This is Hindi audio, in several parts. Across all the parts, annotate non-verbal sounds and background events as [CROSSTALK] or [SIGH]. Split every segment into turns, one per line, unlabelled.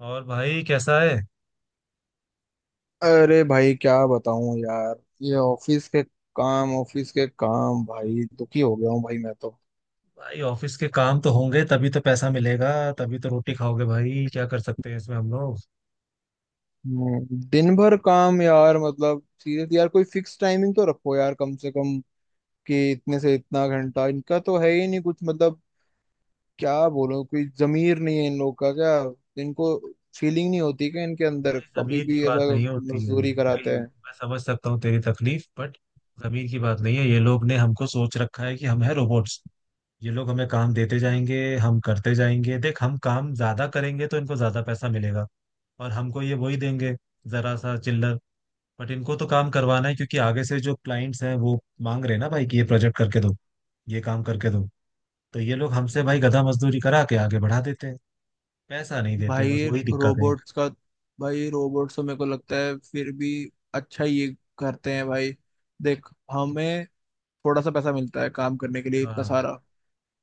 और भाई कैसा है।
अरे भाई, क्या बताऊं यार। ये ऑफिस के काम भाई, दुखी हो गया हूँ भाई मैं तो।
भाई ऑफिस के काम तो होंगे तभी तो पैसा मिलेगा। तभी तो रोटी खाओगे भाई। क्या कर सकते हैं इसमें हम लोग।
दिन भर काम यार, मतलब सीरियसली यार, कोई फिक्स टाइमिंग तो रखो यार कम से कम, कि इतने से इतना घंटा इनका तो है ही नहीं कुछ, मतलब क्या बोलो, कोई जमीर नहीं है इन लोग का क्या? इनको फीलिंग नहीं होती क्या इनके अंदर
भाई
कभी
जमीन की
भी
बात
ऐसा?
नहीं होती है
मजदूरी
भाई,
कराते हैं।
मैं समझ सकता हूँ तेरी तकलीफ, बट जमीन की बात नहीं है। ये लोग ने हमको सोच रखा है कि हम है रोबोट्स। ये लोग हमें काम देते जाएंगे, हम करते जाएंगे। देख हम काम ज्यादा करेंगे तो इनको ज्यादा पैसा मिलेगा और हमको ये वही देंगे, जरा सा चिल्लर। बट इनको तो काम करवाना है, क्योंकि आगे से जो क्लाइंट्स हैं वो मांग रहे हैं ना भाई कि ये प्रोजेक्ट करके दो, ये काम करके दो। तो ये लोग हमसे भाई गधा मजदूरी करा के आगे बढ़ा देते हैं, पैसा नहीं देते, बस
भाई,
वही दिक्कत है।
रोबोट्स का? भाई, रोबोट्स तो मेरे को लगता है फिर भी अच्छा ये करते हैं भाई। देख, हमें थोड़ा सा पैसा मिलता है काम करने के लिए इतना
हाँ,
सारा।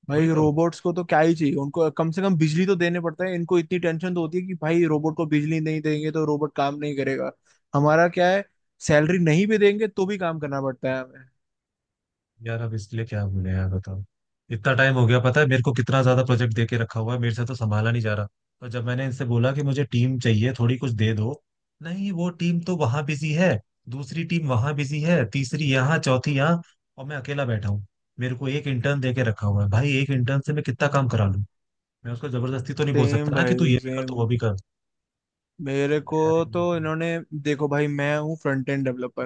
भाई,
वही तो।
रोबोट्स को तो क्या ही चाहिए, उनको कम से कम बिजली तो देने पड़ता है। इनको इतनी टेंशन तो होती है कि भाई रोबोट को बिजली नहीं देंगे तो रोबोट काम नहीं करेगा। हमारा क्या है, सैलरी नहीं भी देंगे तो भी काम करना पड़ता है हमें।
यार अब इसलिए क्या बोले यार बताओ। इतना टाइम हो गया, पता है मेरे को कितना ज्यादा प्रोजेक्ट दे के रखा हुआ है, मेरे से तो संभाला नहीं जा रहा। और जब मैंने इनसे बोला कि मुझे टीम चाहिए थोड़ी, कुछ दे दो, नहीं वो टीम तो वहां बिजी है, दूसरी टीम वहां बिजी है, तीसरी यहाँ, चौथी यहाँ, और मैं अकेला बैठा हूँ। मेरे को एक इंटर्न दे के रखा हुआ है भाई, एक इंटर्न से मैं कितना काम करा लूँ। मैं उसको जबरदस्ती तो नहीं बोल
सेम
सकता ना कि तू ये
भाई
भी कर
सेम।
तू वो भी कर। क्या
मेरे
है
को,
यार इन
तो
लोगों
इन्होंने, देखो भाई, मैं हूँ फ्रंट एंड डेवलपर।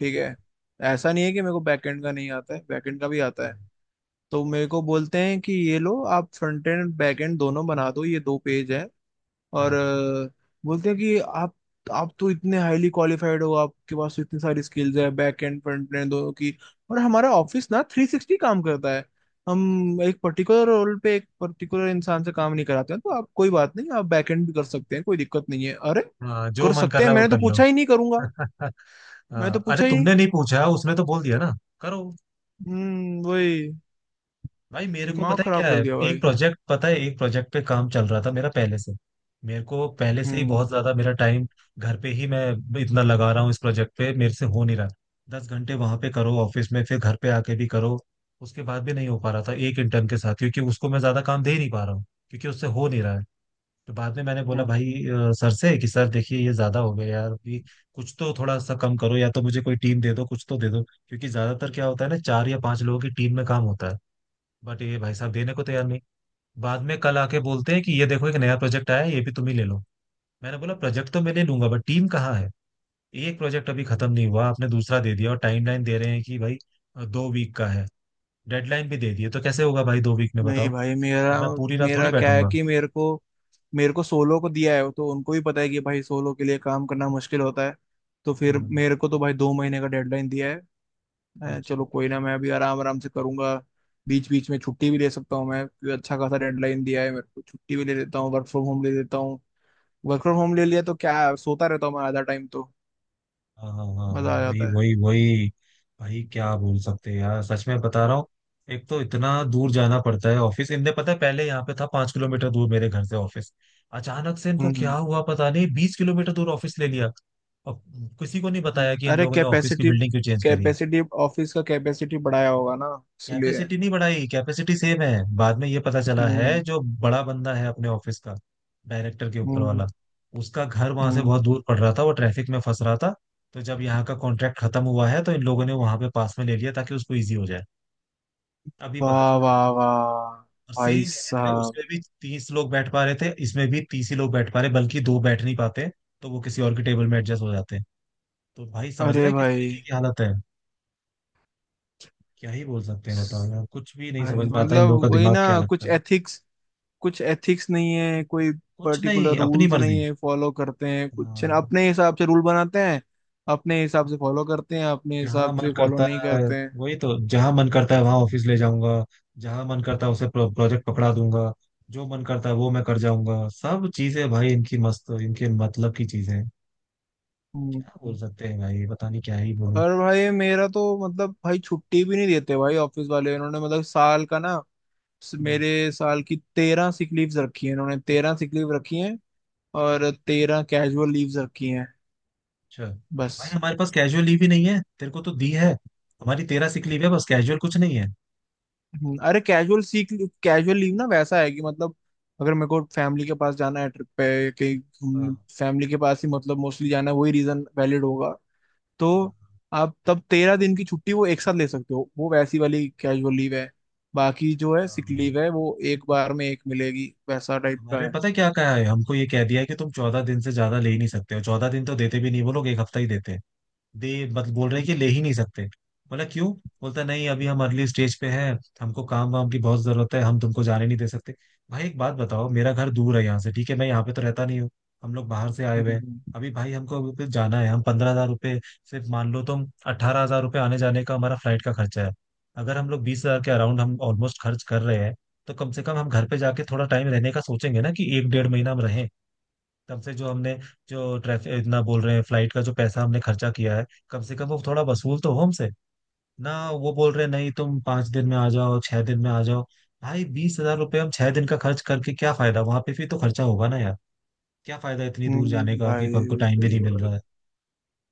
ठीक है। ऐसा नहीं है कि मेरे को बैकएंड का नहीं आता है, बैकएंड का भी आता है।
का।
तो मेरे को बोलते हैं कि ये लो, आप फ्रंट एंड बैक एंड दोनों बना दो, ये दो पेज है। और
हाँ,
बोलते हैं कि आप तो इतने हाईली क्वालिफाइड हो, आपके पास तो इतनी सारी स्किल्स है, बैक एंड फ्रंट एंड दोनों की। और हमारा ऑफिस ना थ्री सिक्सटी काम करता है। हम एक पर्टिकुलर रोल पे एक पर्टिकुलर इंसान से काम नहीं कराते हैं, तो आप कोई बात नहीं, आप बैक एंड भी कर सकते हैं, कोई दिक्कत नहीं है। अरे,
हाँ जो
कर
मन कर
सकते हैं!
रहा है वो
मैंने तो
कर लो।
पूछा ही नहीं, करूंगा।
[LAUGHS]
मैंने तो
हाँ, अरे
पूछा ही नहीं।
तुमने नहीं पूछा, उसने तो बोल दिया ना। करो।
वही,
भाई मेरे को
दिमाग
पता है क्या
खराब
है।
कर दिया
एक
भाई।
प्रोजेक्ट, पता है, एक प्रोजेक्ट पे काम चल रहा था मेरा पहले से, मेरे को पहले से ही
हम्म
बहुत ज्यादा मेरा टाइम घर पे ही मैं इतना लगा रहा हूँ इस प्रोजेक्ट पे, मेरे से हो नहीं रहा। 10 घंटे वहां पे करो ऑफिस में, फिर घर पे आके भी करो, उसके बाद भी नहीं हो पा रहा था, एक इंटर्न के साथ, क्योंकि उसको मैं ज्यादा काम दे ही नहीं पा रहा हूँ क्योंकि उससे हो नहीं रहा है। तो बाद में मैंने बोला भाई
हम्म।
सर से कि सर देखिए ये ज्यादा हो गया यार अभी, कुछ तो थोड़ा सा कम करो, या तो मुझे कोई टीम दे दो, कुछ तो दे दो, क्योंकि ज्यादातर क्या होता है ना, चार या पांच लोगों की टीम में काम होता है। बट ये भाई साहब देने को तैयार नहीं। बाद में कल आके बोलते हैं कि ये देखो एक नया प्रोजेक्ट आया है, ये भी तुम ही ले लो। मैंने बोला प्रोजेक्ट तो मैं ले लूंगा, बट टीम कहाँ है। एक प्रोजेक्ट अभी खत्म नहीं हुआ, आपने दूसरा दे दिया, और टाइमलाइन दे रहे हैं कि भाई 2 वीक का है, डेडलाइन भी दे दी है। तो कैसे होगा भाई 2 वीक में
नहीं
बताओ।
भाई, मेरा
अब मैं पूरी रात
मेरा
थोड़ी
क्या है
बैठूंगा।
कि मेरे को सोलो को दिया है, तो उनको भी पता है कि भाई सोलो के लिए काम करना मुश्किल होता है। तो फिर
हम्म।
मेरे को तो भाई 2 महीने का डेडलाइन दिया है।
अच्छा।
चलो कोई ना, मैं अभी आराम आराम से करूंगा। बीच बीच में छुट्टी भी ले सकता हूँ मैं, क्योंकि अच्छा खासा डेडलाइन दिया है मेरे को, छुट्टी भी ले लेता हूँ, वर्क फ्रॉम होम ले लेता हूँ। वर्क फ्रॉम होम ले लिया तो क्या है, सोता रहता हूँ मैं आधा टाइम तो।
हाँ हाँ हाँ हाँ,
मजा आ
वही
जाता है।
वही वही। भाई क्या बोल सकते हैं यार, सच में बता रहा हूँ। एक तो इतना दूर जाना पड़ता है ऑफिस, इनने, पता है, पहले यहाँ पे था 5 किलोमीटर दूर मेरे घर से ऑफिस। अचानक से इनको क्या
हम्म
हुआ पता नहीं, 20 किलोमीटर दूर ऑफिस ले लिया। और किसी को नहीं
हम्म।
बताया कि इन
अरे,
लोगों ने ऑफिस की
कैपेसिटी
बिल्डिंग क्यों चेंज करी।
कैपेसिटी ऑफिस का कैपेसिटी बढ़ाया होगा ना, इसलिए।
कैपेसिटी नहीं बढ़ाई, कैपेसिटी सेम है। बाद में ये पता चला है,
हम्म
जो बड़ा बंदा है अपने ऑफिस का, डायरेक्टर के ऊपर
हम्म
वाला, उसका घर वहां से
हम्म।
बहुत दूर पड़ रहा था, वो ट्रैफिक में फंस रहा था। तो जब यहाँ का कॉन्ट्रैक्ट खत्म हुआ है, तो इन लोगों ने वहां पे पास में ले लिया ताकि उसको इजी हो जाए। अभी पता
वाह
चला है।
वाह वाह!
और सेम
भाई
है, जितने
साहब!
उसमें भी 30 लोग बैठ पा रहे थे, इसमें भी 30 ही लोग बैठ पा रहे, बल्कि दो बैठ नहीं पाते, तो वो किसी और के टेबल में एडजस्ट हो जाते हैं। तो भाई समझ रहा
अरे
है किस
भाई!
तरीके की हालत है। क्या ही बोल सकते हैं बताओ यार, कुछ भी नहीं
भाई
समझ में आता इन
मतलब
लोगों का,
वही
दिमाग
ना,
क्या लगता
कुछ
है,
एथिक्स कुछ एथिक्स नहीं है कोई,
कुछ
पर्टिकुलर
नहीं, अपनी
रूल्स नहीं
मर्जी।
है, फॉलो करते हैं कुछ ना
हाँ,
अपने हिसाब से, रूल बनाते हैं अपने हिसाब से, फॉलो करते हैं अपने
जहाँ
हिसाब
मन
से, फॉलो
करता
नहीं
है।
करते हैं।
वही तो, जहाँ मन करता है वहां ऑफिस ले जाऊंगा, जहाँ मन करता है उसे प्रोजेक्ट पकड़ा दूंगा, जो मन करता है वो मैं कर जाऊंगा। सब चीजें भाई इनकी मस्त, इनके मतलब की चीजें हैं।
हम्म
क्या बोल
हम्म।
सकते हैं भाई, पता नहीं क्या ही बोलूं।
और भाई मेरा तो मतलब भाई, छुट्टी भी नहीं देते भाई ऑफिस वाले इन्होंने, मतलब साल का ना,
हम्म।
मेरे साल की 13 सिक लीव्स रखी है इन्होंने, 13 सिक लीव रखी है। और 13 कैजुअल लीव्स रखी हैं,
अच्छा, भाई
बस।
हमारे पास कैजुअल लीव ही नहीं है, तेरे को तो दी है। हमारी 13 सिक लीव है बस, कैजुअल कुछ नहीं है।
अरे, कैजुअल लीव ना वैसा है कि, मतलब अगर मेरे को फैमिली के पास जाना है ट्रिप पे कहीं।
हाँ
फैमिली के पास ही मतलब मोस्टली जाना है, वही रीजन वैलिड होगा। तो
हाँ
आप तब 13 दिन की छुट्टी वो एक साथ ले सकते हो, वो वैसी वाली कैजुअल लीव है। बाकी जो है
हाँ,
सिक
हाँ।
लीव है, वो एक बार में एक मिलेगी, वैसा टाइप का
हमारे, पता
है।
है क्या कहा है हमको, ये कह दिया है कि तुम 14 दिन से ज्यादा ले ही नहीं सकते हो। 14 दिन तो देते भी नहीं वो लोग, एक हफ्ता ही देते हैं। दे, मतलब बोल रहे हैं कि ले ही नहीं सकते। बोला क्यों? बोलता, नहीं अभी हम अर्ली स्टेज पे हैं, हमको काम वाम की बहुत जरूरत है, हम तुमको जाने नहीं दे सकते। भाई एक बात बताओ, मेरा घर दूर है यहाँ से, ठीक है, मैं यहाँ पे तो रहता नहीं हूँ, हम लोग बाहर से आए हुए हैं।
हम्म
अभी भाई हमको अभी पे जाना है, हम 15,000 रुपये, सिर्फ मान लो तुम 18,000 रुपये आने जाने का हमारा फ्लाइट का खर्चा है, अगर हम लोग 20,000 के अराउंड हम ऑलमोस्ट खर्च कर रहे हैं, तो कम से कम हम घर पे जाके थोड़ा टाइम रहने का सोचेंगे ना, कि एक डेढ़ महीना हम रहें। कम से जो हमने जो ट्रैफिक इतना बोल रहे हैं, फ्लाइट का जो पैसा हमने खर्चा किया है, कम से कम वो थोड़ा वसूल तो हो हमसे ना। वो बोल रहे हैं नहीं, तुम 5 दिन में आ जाओ, 6 दिन में आ जाओ। भाई 20,000 रुपये हम 6 दिन का खर्च करके क्या फायदा, वहां पे भी तो खर्चा होगा ना यार। क्या फायदा इतनी दूर जाने
हम्म।
का, कि
भाई,
हमको टाइम भी
सही
नहीं
है
मिल
भाई।
रहा है।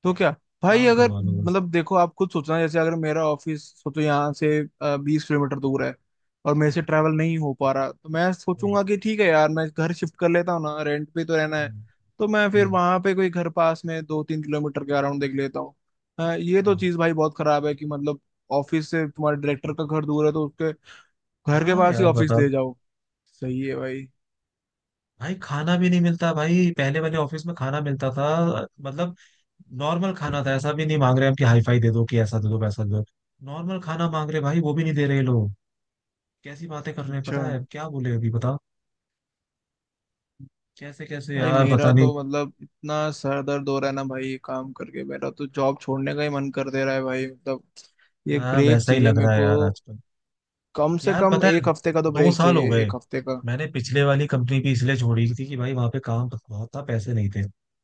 तो क्या भाई,
काम
अगर
करवा लो बस।
मतलब देखो आप खुद सोचना, जैसे अगर मेरा ऑफिस सोचो यहाँ से 20 किलोमीटर दूर है, और मेरे
हाँ,
से ट्रैवल नहीं हो पा रहा, तो मैं
वही।
सोचूंगा कि ठीक है यार, मैं घर शिफ्ट कर लेता हूँ ना, रेंट पे तो रहना है।
हम्म,
तो मैं फिर
हम्म,
वहां पे कोई घर पास में 2-3 किलोमीटर के अराउंड देख लेता हूँ। हाँ, ये तो
हाँ
चीज़ भाई बहुत खराब है कि, मतलब ऑफिस से तुम्हारे डायरेक्टर का घर दूर है तो उसके घर के
हाँ
पास ही
यार
ऑफिस
बताओ।
ले जाओ। सही है भाई।
भाई खाना भी नहीं मिलता, भाई पहले वाले ऑफिस में खाना मिलता था, मतलब नॉर्मल खाना था, ऐसा भी नहीं मांग रहे हम कि हाई फाई दे दो कि ऐसा दे दो वैसा दे दो, नॉर्मल खाना मांग रहे भाई, वो भी नहीं दे रहे लोग। कैसी बातें कर रहे हैं,
अच्छा,
पता है क्या बोले अभी बताओ, कैसे कैसे
भाई
यार पता
मेरा तो
नहीं।
मतलब इतना सर दर्द हो रहा है ना भाई, ये काम करके मेरा तो जॉब छोड़ने का ही मन कर दे रहा है भाई, मतलब ये
हाँ,
ब्रेक
वैसा ही
चाहिए
लग
मेरे
रहा है
को।
यार आजकल।
कम से
यार
कम
पता है,
एक हफ्ते का तो
दो
ब्रेक
साल हो
चाहिए,
गए,
एक हफ्ते का।
मैंने पिछले वाली कंपनी भी इसलिए छोड़ी थी कि भाई वहां पे काम बहुत था, पैसे नहीं थे,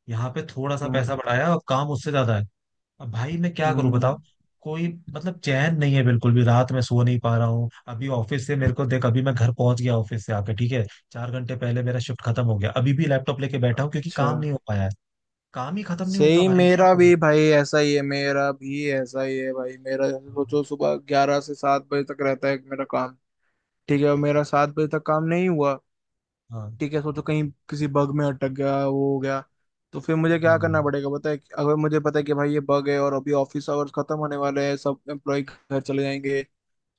यहाँ पे थोड़ा सा
हम्म
पैसा बढ़ाया और काम उससे ज्यादा है। अब भाई मैं क्या करूं बताओ।
हम्म।
कोई, मतलब, चैन नहीं है बिल्कुल भी, रात में सो नहीं पा रहा हूँ। अभी ऑफिस से, मेरे को देख, अभी मैं घर पहुंच गया ऑफिस से आके, ठीक है, 4 घंटे पहले मेरा शिफ्ट खत्म हो गया, अभी भी लैपटॉप लेके बैठा हूँ क्योंकि
अच्छा,
काम नहीं हो पाया है। काम ही खत्म नहीं होता
सही।
भाई, क्या
मेरा
करूँ।
भी भाई ऐसा ही है, मेरा भी ऐसा ही है भाई। मेरा जैसे
हाँ
सोचो, सुबह 11 से 7 बजे तक रहता है मेरा काम। ठीक है। और मेरा 7 बजे तक काम नहीं हुआ,
हाँ।
ठीक है, सोचो कहीं किसी बग में अटक गया, वो हो गया। तो फिर मुझे क्या करना
हम्म,
पड़ेगा, पता है? अगर मुझे पता है कि भाई ये बग है और अभी ऑफिस आवर्स खत्म होने वाले हैं, सब एम्प्लॉय घर चले जाएंगे,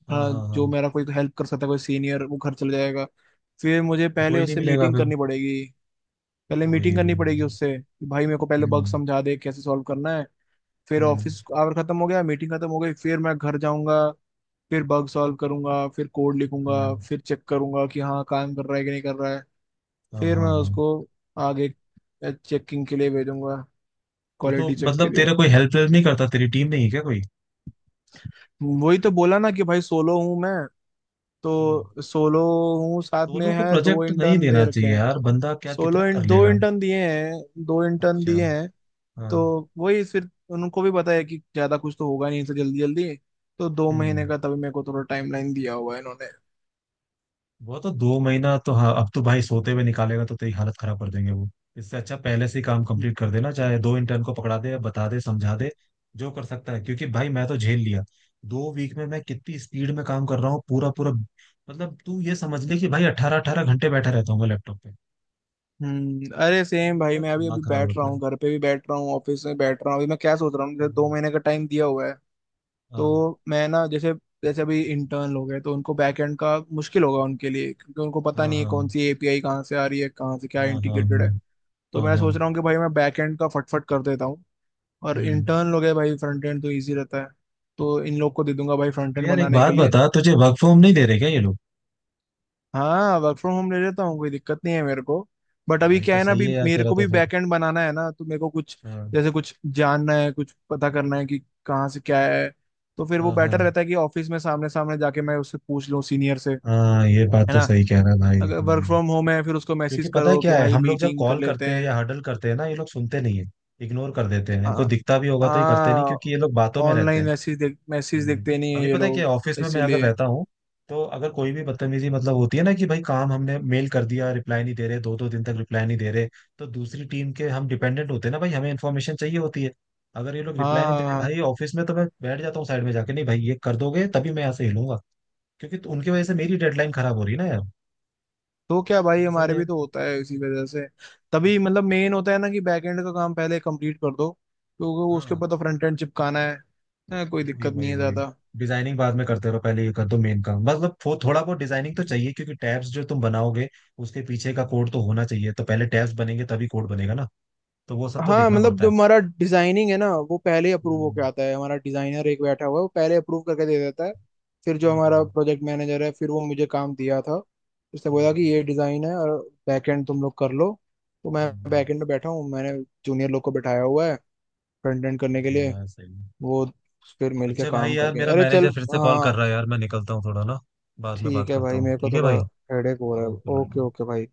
हाँ
हाँ,
हाँ हाँ।
जो मेरा कोई हेल्प कर सकता है, कोई सीनियर, वो घर चले जाएगा। फिर मुझे
फिर
पहले
कोई नहीं
उससे
मिलेगा
मीटिंग
फिर।
करनी पड़ेगी, पहले मीटिंग
वही
करनी
वही।
पड़ेगी उससे, कि भाई मेरे को पहले बग
हम्म।
समझा दे कैसे सॉल्व करना है। फिर
हम्म।
ऑफिस आवर खत्म हो गया, मीटिंग खत्म हो गई, फिर मैं घर जाऊंगा, फिर बग सॉल्व करूंगा, फिर कोड लिखूंगा,
हम्म,
फिर चेक करूंगा कि हाँ काम कर रहा है कि नहीं कर रहा है,
हाँ
फिर मैं
हाँ हाँ।
उसको आगे चेकिंग के लिए भेजूंगा,
तो
क्वालिटी चेक के
मतलब
लिए।
तेरा कोई हेल्प हेल्प नहीं करता, तेरी टीम नहीं है क्या कोई?
वही तो बोला ना कि भाई, सोलो हूँ मैं,
हम्म।
तो सोलो हूँ, साथ में
सोलो को
है दो
प्रोजेक्ट नहीं
इंटर्न दे
देना
रखे
चाहिए
हैं।
यार, बंदा क्या कितना कर
दो
लेगा।
इंटर्न दिए हैं, दो इंटर्न
अच्छा,
दिए हैं।
हाँ।
तो वही फिर, उनको भी पता है कि ज्यादा कुछ तो होगा नहीं इनसे जल्दी जल्दी। तो 2
हम्म।
महीने का तभी मेरे को थोड़ा टाइमलाइन दिया हुआ है इन्होंने।
वो तो 2 महीना तो, हाँ अब तो भाई सोते हुए निकालेगा तो तेरी हालत खराब कर देंगे वो। इससे अच्छा पहले से ही काम कंप्लीट कर देना चाहे दो इंटर्न को पकड़ा दे, बता दे, समझा दे, जो कर सकता है, क्योंकि भाई मैं तो झेल लिया। 2 वीक में मैं कितनी स्पीड में काम कर रहा हूँ पूरा पूरा। मतलब तू ये समझ ले कि भाई अट्ठारह अट्ठारह घंटे बैठा रहता हूँ मैं लैपटॉप पे।
अरे सेम भाई,
मेरा
मैं अभी
दिमाग
अभी
खराब
बैठ रहा
होता
हूँ,
है।
घर पे भी बैठ रहा हूँ, ऑफिस में बैठ रहा हूँ, अभी मैं क्या सोच रहा हूँ, जैसे दो
हम्म,
महीने का टाइम दिया हुआ है,
हाँ
तो मैं ना जैसे, जैसे अभी इंटर्न लोग हैं तो उनको बैकएंड का मुश्किल होगा उनके लिए, क्योंकि उनको पता
हाँ
नहीं है
हाँ
कौन सी एपीआई कहाँ से आ रही है, कहाँ से क्या
हाँ। हाँ
इंटीग्रेटेड
हाँ
है। तो
हाँ
मैं
हाँ,
सोच रहा हूँ कि भाई, मैं बैकएंड का फटफट कर देता हूँ, और
हम्म।
इंटर्न लोग है भाई, फ्रंट एंड तो ईजी रहता है, तो इन लोग को दे दूंगा भाई फ्रंट
तो
एंड
यार एक
बनाने के
बात
लिए।
बता, तुझे वर्क फ्रॉम नहीं दे रहे क्या ये लोग?
हाँ, वर्क फ्रॉम होम ले लेता हूँ, कोई दिक्कत नहीं है मेरे को। बट अभी
भाई
क्या
तो
है ना,
सही
अभी
है यार
मेरे
तेरा
को
तो
भी
फिर।
बैकएंड बनाना है ना, तो मेरे को कुछ
हाँ
जैसे कुछ जानना है, कुछ पता करना है कि कहाँ से क्या है। तो फिर वो
हाँ
बेटर
हाँ
रहता है कि ऑफिस में सामने सामने जाके मैं उससे पूछ लूँ, सीनियर से है
हाँ, ये बात तो
ना,
सही कह रहा है भाई।
अगर वर्क
हम्म।
फ्रॉम होम है फिर उसको मैसेज
क्योंकि पता है
करो कि
क्या है,
भाई
हम लोग जब
मीटिंग कर
कॉल
लेते
करते हैं
हैं।
या हडल करते हैं ना, ये लोग सुनते नहीं है, इग्नोर कर देते हैं,
आ,
इनको दिखता भी होगा तो ये करते नहीं,
आ,
क्योंकि ये लोग बातों में रहते
ऑनलाइन
हैं।
मैसेज देख, मैसेज
हम्म,
देखते नहीं है
अभी
ये
पता है कि
लोग,
ऑफिस में मैं अगर
इसीलिए।
रहता हूँ, तो अगर कोई भी बदतमीजी, मतलब, होती है ना, कि भाई काम हमने मेल कर दिया, रिप्लाई नहीं दे रहे, दो दो दिन तक रिप्लाई नहीं दे रहे, तो दूसरी टीम के हम डिपेंडेंट होते हैं ना भाई, हमें इन्फॉर्मेशन चाहिए होती है, अगर ये लोग रिप्लाई
हाँ
नहीं दे
हाँ
रहे भाई
हाँ,
ऑफिस में, तो मैं बैठ जाता हूँ साइड में जाके, नहीं भाई ये कर दोगे तभी मैं यहाँ से हिलूंगा। क्योंकि तो उनकी वजह से मेरी डेडलाइन खराब हो रही है ना यार।
तो क्या भाई,
थोड़ा सा
हमारे
मैं,
भी तो होता है इसी वजह से। तभी मतलब मेन होता है ना कि बैकएंड का काम पहले कंप्लीट कर दो, क्योंकि उसके
हाँ,
ऊपर तो फ्रंट एंड चिपकाना है। हाँ, कोई
वही
दिक्कत नहीं
वही
है
वही।
ज्यादा।
डिजाइनिंग बाद में करते रहो, पहले ये कर दो मेन काम, मतलब वो थोड़ा बहुत डिजाइनिंग तो चाहिए, क्योंकि टैब्स जो तुम बनाओगे उसके पीछे का कोड तो होना चाहिए, तो पहले टैब्स बनेंगे तभी कोड बनेगा ना, तो वो सब तो
हाँ,
देखना
मतलब
पड़ता
जो
है।
हमारा डिजाइनिंग है ना, वो पहले अप्रूव
हम्म,
होके आता है, हमारा डिजाइनर एक बैठा हुआ है, वो पहले अप्रूव करके दे देता है। फिर जो हमारा
हम्म,
प्रोजेक्ट मैनेजर है, फिर वो मुझे काम दिया था, उसने बोला कि
हम्म,
ये डिजाइन है, और बैकएंड तुम लोग कर लो। तो मैं
हम्म,
बैकएंड में बैठा हूँ, मैंने जूनियर लोग को बैठाया हुआ है फ्रंट एंड करने के
सही है
लिए।
यार, सही है।
वो, फिर मिलके
अच्छा भाई,
काम
यार
करके,
मेरा
अरे चल।
मैनेजर फिर से कॉल कर
हाँ।
रहा है, यार मैं निकलता हूँ थोड़ा ना, बाद में बात
ठीक है
करता
भाई,
हूँ,
मेरे को
ठीक है
थोड़ा
भाई।
हेडेक हो रहा है।
ओके
ओके
भाई।
ओके भाई।